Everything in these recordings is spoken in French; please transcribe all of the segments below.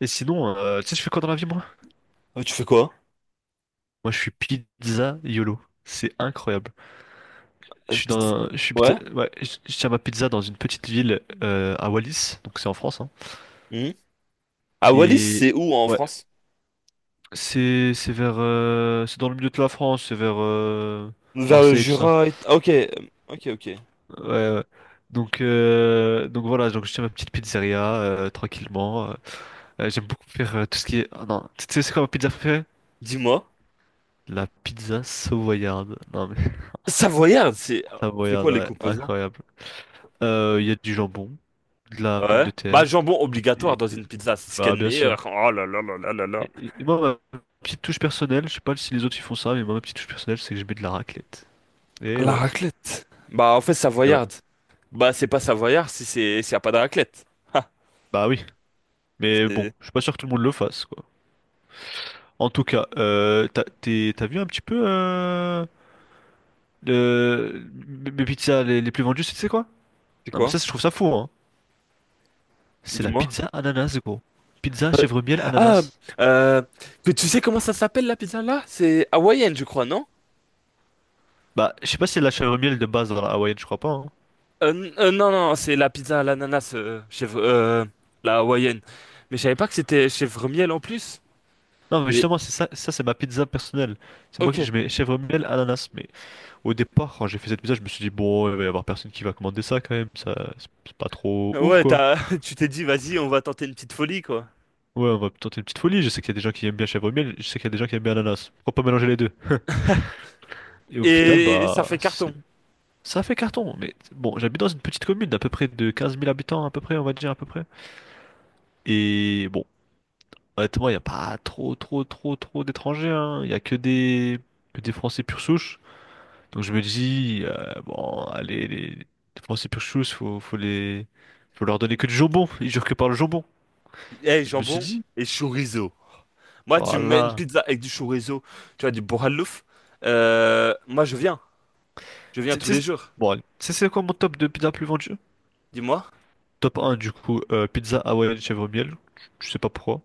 Et sinon, tu sais, je fais quoi dans la vie, moi? Tu fais quoi? Moi, je suis pizza YOLO. C'est incroyable. Euh, Je suis p'tit- dans, je suis pizza- Ouais. ouais, je tiens ma pizza dans une petite ville à Wallis, donc c'est en France, hein. Mhm. À Wallis, c'est Et où en ouais, France? c'est vers, c'est dans le milieu de la France, c'est vers Vers le Marseille, tout ça. Jura et... Ah, ok, ok, ok. Ouais, ouais. Donc voilà, donc je tiens ma petite pizzeria tranquillement. J'aime beaucoup faire tout ce qui est. Ah non, tu sais, c'est quoi ma pizza préférée? Dis-moi. La pizza savoyarde. Non mais Savoyarde, c'est... C'est savoyarde, quoi les ouais, composants? incroyable. Il y a du jambon, de la pomme Ouais. de Bah, terre, jambon obligatoire et, dans et- une pizza, c'est ce qu'il y bah a de bien sûr. meilleur. Oh là là là là là là. Et moi, ma petite touche personnelle, je sais pas si les autres ils font ça, mais moi, ma petite touche personnelle, c'est que je mets de la raclette. Et La ouais, raclette. Bah, en fait, et ouais. savoyarde. Bah, c'est pas savoyard si c'est s'il y a pas de raclette. Bah oui, mais bon, C'est... je suis pas sûr que tout le monde le fasse, quoi. En tout cas, t'as vu un petit peu le- mes pizzas les plus vendues, tu sais quoi? C'est Non, mais ça, quoi? je trouve ça fou, hein. C'est la Dis-moi. pizza ananas, gros. Pizza chèvre miel Ah, ananas. euh, que tu sais comment ça s'appelle la pizza là? C'est hawaïenne, je crois, non? Bah, je sais pas si c'est la chèvre miel de base dans la hawaïenne, je crois pas, hein. Non, non, c'est la pizza à l'ananas, chef, la hawaïenne. Mais je savais pas que c'était chèvre miel en plus. Non, mais Et- justement, c'est ça, ça c'est ma pizza personnelle. C'est moi qui Ok. je mets chèvre miel, ananas. Mais au départ, quand j'ai fait cette pizza, je me suis dit, bon, il va y avoir personne qui va commander ça quand même. Ça, c'est pas trop ouf, Ouais, quoi. Tu t'es dit, vas-y, on va tenter une petite folie, quoi. Ouais, on va tenter une petite folie. Je sais qu'il y a des gens qui aiment bien chèvre miel, je sais qu'il y a des gens qui aiment bien ananas. Pourquoi pas mélanger les deux? Et au final, Et ça bah, fait carton. ça a fait carton. Mais bon, j'habite dans une petite commune d'à peu près de 15 000 habitants, à peu près, on va dire, à peu près. Et bon, honnêtement, il n'y a pas trop, trop, trop, trop d'étrangers, hein. Il n'y a que des Français pure souche. Donc je me dis, bon, allez, les Français pure chose, faut leur donner que du jambon. Ils jurent que par le jambon. Eh, Et je me suis jambon dit, et chorizo. Moi, tu me mets une voilà. pizza avec du chorizo, tu vois, du bourralouf. Moi, je viens. Je viens Tu tous tu les sais, jours. bon, allez. Tu sais c'est quoi mon top de pizza plus vendue? Dis-moi. Top un du coup, pizza hawaïenne chèvre miel. Je sais pas pourquoi.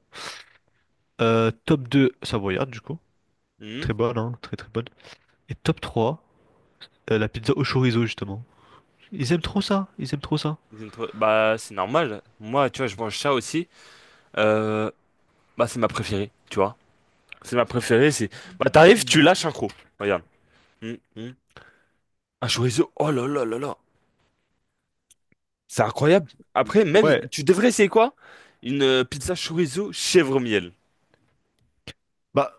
Top 2 savoyarde, du coup. Hmm. Très bonne, hein, très très bonne. Et top 3 la pizza au chorizo, justement. Ils aiment trop ça, ils aiment trop ça. Bah, c'est normal. Moi, tu vois, je mange ça aussi. Euh, Bah, c'est ma préférée, tu vois. C'est ma préférée, c'est... Bah, t'arrives, Hmm. tu lâches un croc. Regarde. Hum, hum. Un chorizo, oh là là là là. C'est incroyable. Après, même, Ouais, tu devrais essayer quoi? Une pizza chorizo chèvre miel. bah,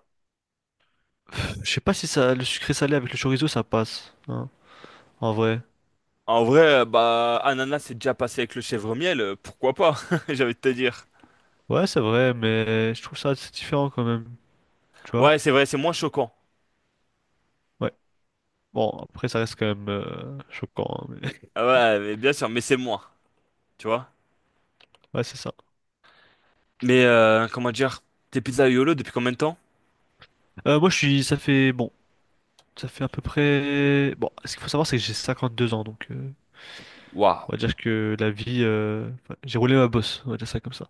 je sais pas si ça, le sucré salé avec le chorizo, ça passe, hein, en vrai. En vrai, bah, ananas, c'est déjà passé avec le chèvre miel, pourquoi pas? J'avais envie de te dire. Ouais, c'est vrai, mais je trouve ça assez différent quand même, tu vois? Ouais, c'est vrai, c'est moins choquant. Ouais. Bon, après, ça reste quand même choquant, hein, mais... Ah, ouais, mais bien sûr, mais c'est moins, tu vois? Ouais, c'est ça. Mais, comment dire? Tes pizzas YOLO depuis combien de temps? Moi, je suis... Ça fait... Bon, ça fait à peu près... Bon, ce qu'il faut savoir, c'est que j'ai 52 ans, donc... Waouh. on va dire que la vie... enfin, j'ai roulé ma bosse, on va dire ça comme ça.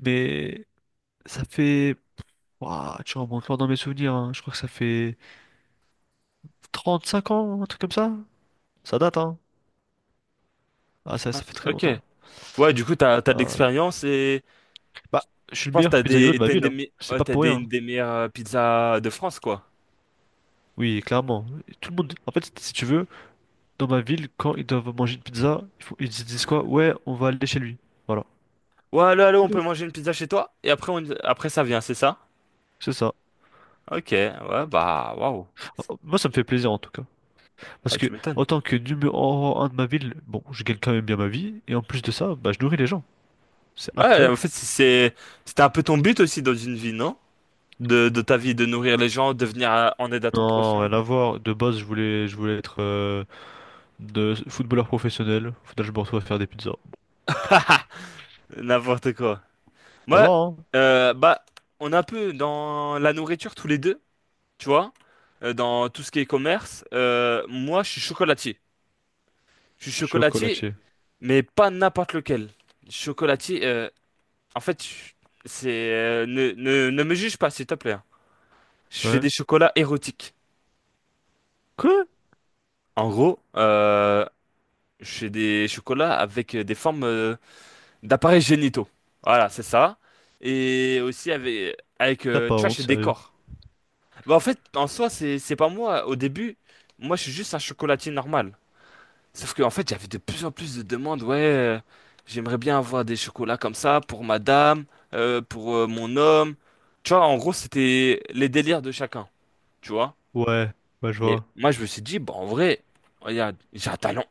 Mais ça fait... Ouah, tu remontes loin dans mes souvenirs, hein. Je crois que ça fait 35 ans, un truc comme ça. Ça date, hein. Ah, ça fait très Ok. longtemps. Ouais, du coup, t'as de Ah, l'expérience et bah, je suis le pense que meilleur t'as pizzaïolo de des, ma t'as une ville, des, hein. me- C'est ouais, pas pour rien. une des meilleures pizzas de France, quoi. Oui, clairement. Tout le monde. En fait, si tu veux, dans ma ville, quand ils doivent manger une pizza, ils se disent quoi? Ouais, on va aller chez lui. Voilà. Ouais, allô, allô, on peut Mm. manger une pizza chez toi? Et après, après ça vient, c'est ça? C'est ça. Ok, ouais, bah, waouh. Moi, ça me fait plaisir en tout cas. Parce Ah, que, tu m'étonnes. en tant que numéro un de ma ville, bon, je gagne quand même bien ma vie. Et en plus de ça, bah, je nourris les gens. C'est Ouais, en incroyable. fait, c'était un peu ton but aussi dans une vie, non? De ta vie, de nourrir les gens, de venir en aide à ton Non, prochain, rien à voir. De base, je voulais être de footballeur professionnel. Faudrait que je me retrouve à faire des pizzas. n'importe quoi. Ça va, Moi, hein? Bah, on est un peu dans la nourriture tous les deux, tu vois, dans tout ce qui est commerce. Moi, je suis chocolatier. Je suis chocolatier Chocolatier. mais pas n'importe lequel. Chocolatier, en fait, c'est ne me juge pas, s'il te plaît, hein. Je fais Ouais. des chocolats érotiques. Quoi? En gros, je fais des chocolats avec des formes d'appareils génitaux. Voilà, c'est ça. Et aussi avec, avec T'as euh, pas tu vois, je honte, fais des sérieux? corps. Bah, en fait, en soi, c'est pas moi. Au début, moi, je suis juste un chocolatier normal. Sauf qu'en fait, j'avais de plus en plus de demandes. Ouais, j'aimerais bien avoir des chocolats comme ça pour madame, pour mon homme. Tu vois, en gros, c'était les délires de chacun. Tu vois? Ouais. Bah, je Et vois. moi, je me suis dit, bah, en vrai, regarde, j'ai un talent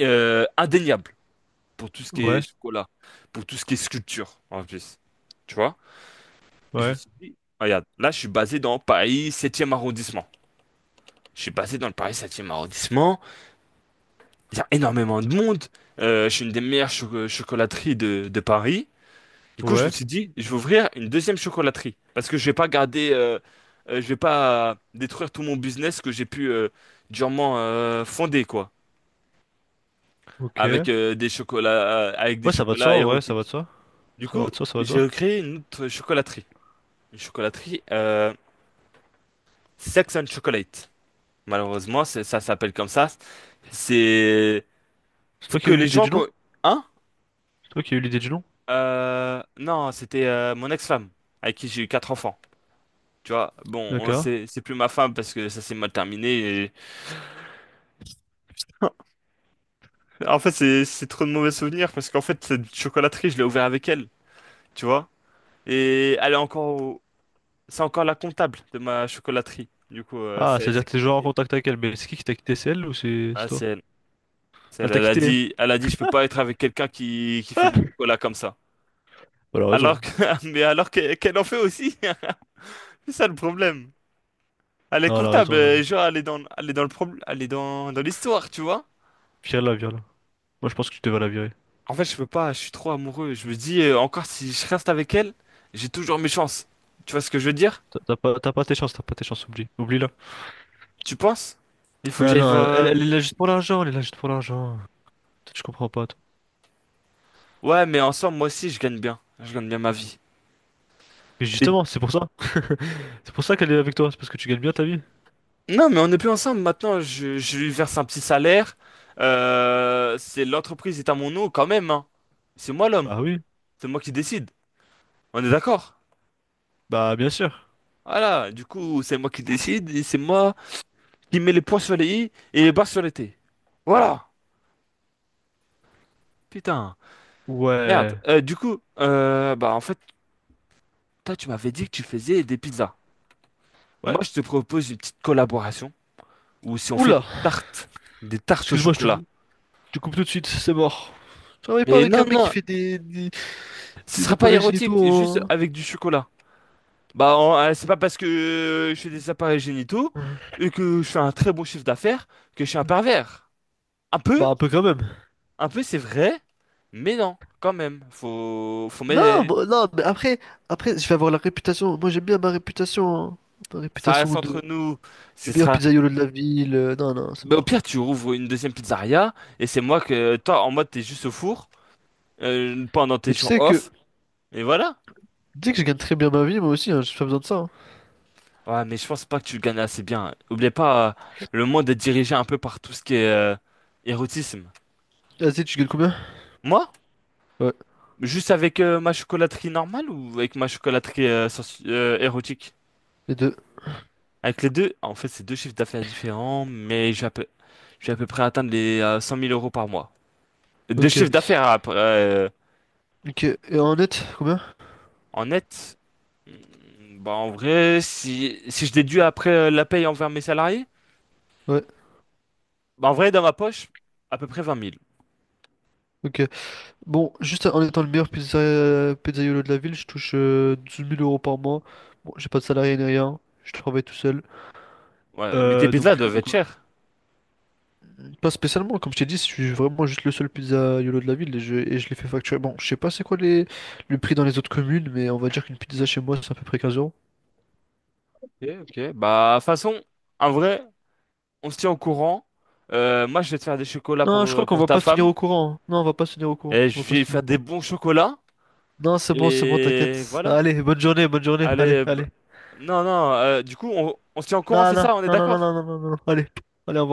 indéniable pour tout ce qui est Ouais. chocolat, pour tout ce qui est sculpture, en plus. Tu vois? Et je me Ouais. suis dit, regarde, là, je suis basé dans Paris 7e arrondissement. Je suis basé dans le Paris 7e arrondissement. Il y a énormément de monde. Je suis une des meilleures chocolateries de Paris. Du coup, je me Ouais. suis dit, je vais ouvrir une deuxième chocolaterie. Parce que je vais pas garder, je vais pas détruire tout mon business que j'ai pu durement fonder, quoi. Avec Ok. Des chocolats, avec des Ouais, ça va de soi, chocolats en vrai, ça va de érotiques. soi. Du Ça coup, va de soi, ça va de j'ai soi. recréé une autre chocolaterie. Une chocolaterie Sex and Chocolate. Malheureusement, ça s'appelle comme ça. C'est... C'est Faut toi qui que as eu les l'idée gens... du nom? Hein? C'est toi qui as eu l'idée du nom? Non, c'était mon ex-femme, avec qui j'ai eu quatre enfants. Tu vois, bon, D'accord. c'est plus ma femme parce que ça s'est mal terminé. En fait, c'est trop de mauvais souvenirs parce qu'en fait, cette chocolaterie, je l'ai ouverte avec elle, tu vois. Et elle est encore, c'est encore la comptable de ma chocolaterie. Du coup, Ah, c'est c'est-à-dire que t'es toujours en compliqué. contact avec elle, mais c'est qui t'a quitté? C'est elle ou c'est Ah, toi? c'est elle. C'est Elle elle. t'a Elle a quitté? dit, elle a dit, je peux pas être avec quelqu'un qui fait Ah! du chocolat comme ça. Bah, elle a Alors raison. que, mais qu'elle en fait aussi. C'est ça le problème. Elle est Non, elle a comptable, raison, elle a raison. genre elle est dans le problème, elle est dans l'histoire, tu vois. Vire-la, vire-la. Moi, je pense que tu devais la virer. En fait, je peux pas, je suis trop amoureux. Je me dis, encore si je reste avec elle, j'ai toujours mes chances. Tu vois ce que je veux dire? T'as pas, t'as pas tes chances, t'as pas tes chances, oublie. Oublie-la. Tu penses? Il faut que Non, j'aille voir. non, elle, elle est là juste pour l'argent, elle est là juste pour l'argent. Toi, tu comprends pas, toi. Ouais, mais ensemble, moi aussi, je gagne bien. Je gagne bien ma vie. Mais Mais- justement, c'est pour ça. C'est pour ça qu'elle est avec toi, c'est parce que tu gagnes bien ta vie. Non, mais on n'est plus ensemble maintenant. Je lui verse un petit salaire. C'est L'entreprise est à mon nom quand même, hein. C'est moi l'homme. Bah oui. C'est moi qui décide. On est d'accord? Bah, bien sûr. Voilà. Du coup, c'est moi qui décide et c'est moi qui met les points sur les i et les bas sur les t. Voilà. Putain. Merde. Ouais. Du coup, bah en fait, toi, tu m'avais dit que tu faisais des pizzas. Moi, Ouais. je te propose une petite collaboration où si on fait Oula! Des tartes au Excuse-moi, je touche. chocolat. Tu coupes tout de suite, c'est mort. Je travaille pas Mais avec non, un mec non, qui fait des, des, ce des sera pas appareils génitaux érotique, juste en... avec du chocolat. Bah, c'est pas parce que je fais des appareils génitaux et que je fais un très bon chiffre d'affaires que je suis un pervers. Un peu, Bah un peu quand même. un peu, c'est vrai, mais non, quand même. Faut mettre. Non, bon, non, mais après, je vais avoir la réputation. Moi j'aime bien ma réputation, hein. Ma Ça reste réputation entre de nous. Ce du meilleur sera. pizzaïolo de la ville. Non, non, c'est Mais au mort. pire, tu rouvres une deuxième pizzeria et c'est moi que toi en mode t'es juste au four pendant tes Mais tu jours sais que. off et voilà. Tu sais que je gagne très bien ma vie, moi aussi, hein, j'ai pas besoin de ça, hein. Ouais, mais je pense pas que tu le gagnes assez bien. Oublie pas, le monde est dirigé un peu par tout ce qui est érotisme. Vas-y, tu gagnes combien? Moi, Ouais, juste avec ma chocolaterie normale ou avec ma chocolaterie érotique? les deux. Avec les deux, en fait, c'est deux chiffres d'affaires différents, mais je vais à peu près atteindre les 100 000 euros par mois. Deux Ok. chiffres d'affaires après, Ok. Et en net, combien? en net. Hmm, bah en vrai, si je déduis après la paye envers mes salariés, Ouais, bah en vrai, dans ma poche, à peu près 20 000. ok. Bon, juste en étant le meilleur pizzaiolo de la ville, je touche 12 000 euros par mois. Bon, j'ai pas de salarié ni rien, je travaille tout seul. Ouais, mais tes pizzas donc, doivent donc être voilà. chères. Pas spécialement, comme je t'ai dit, je suis vraiment juste le seul pizzaiolo de la ville et je les fais facturer. Bon, je sais pas c'est quoi le prix dans les autres communes, mais on va dire qu'une pizza chez moi, c'est à peu près 15 euros. Ok, ok. Bah, de toute façon, en vrai, on se tient au courant. Moi, je vais te faire des chocolats Non, je crois qu'on pour va ta pas se tenir femme. au courant, hein. Non, on va pas se tenir au courant. Et On je va pas vais lui se tenir au faire des courant. bons chocolats. Non, c'est bon, Et t'inquiète. voilà. Allez, bonne journée, bonne journée. Allez, Allez, allez. non, non, du coup, on se tient au courant, Non, c'est non, ça? On est non, non, non, d'accord? non, non, non, non. Allez, allez, au revoir.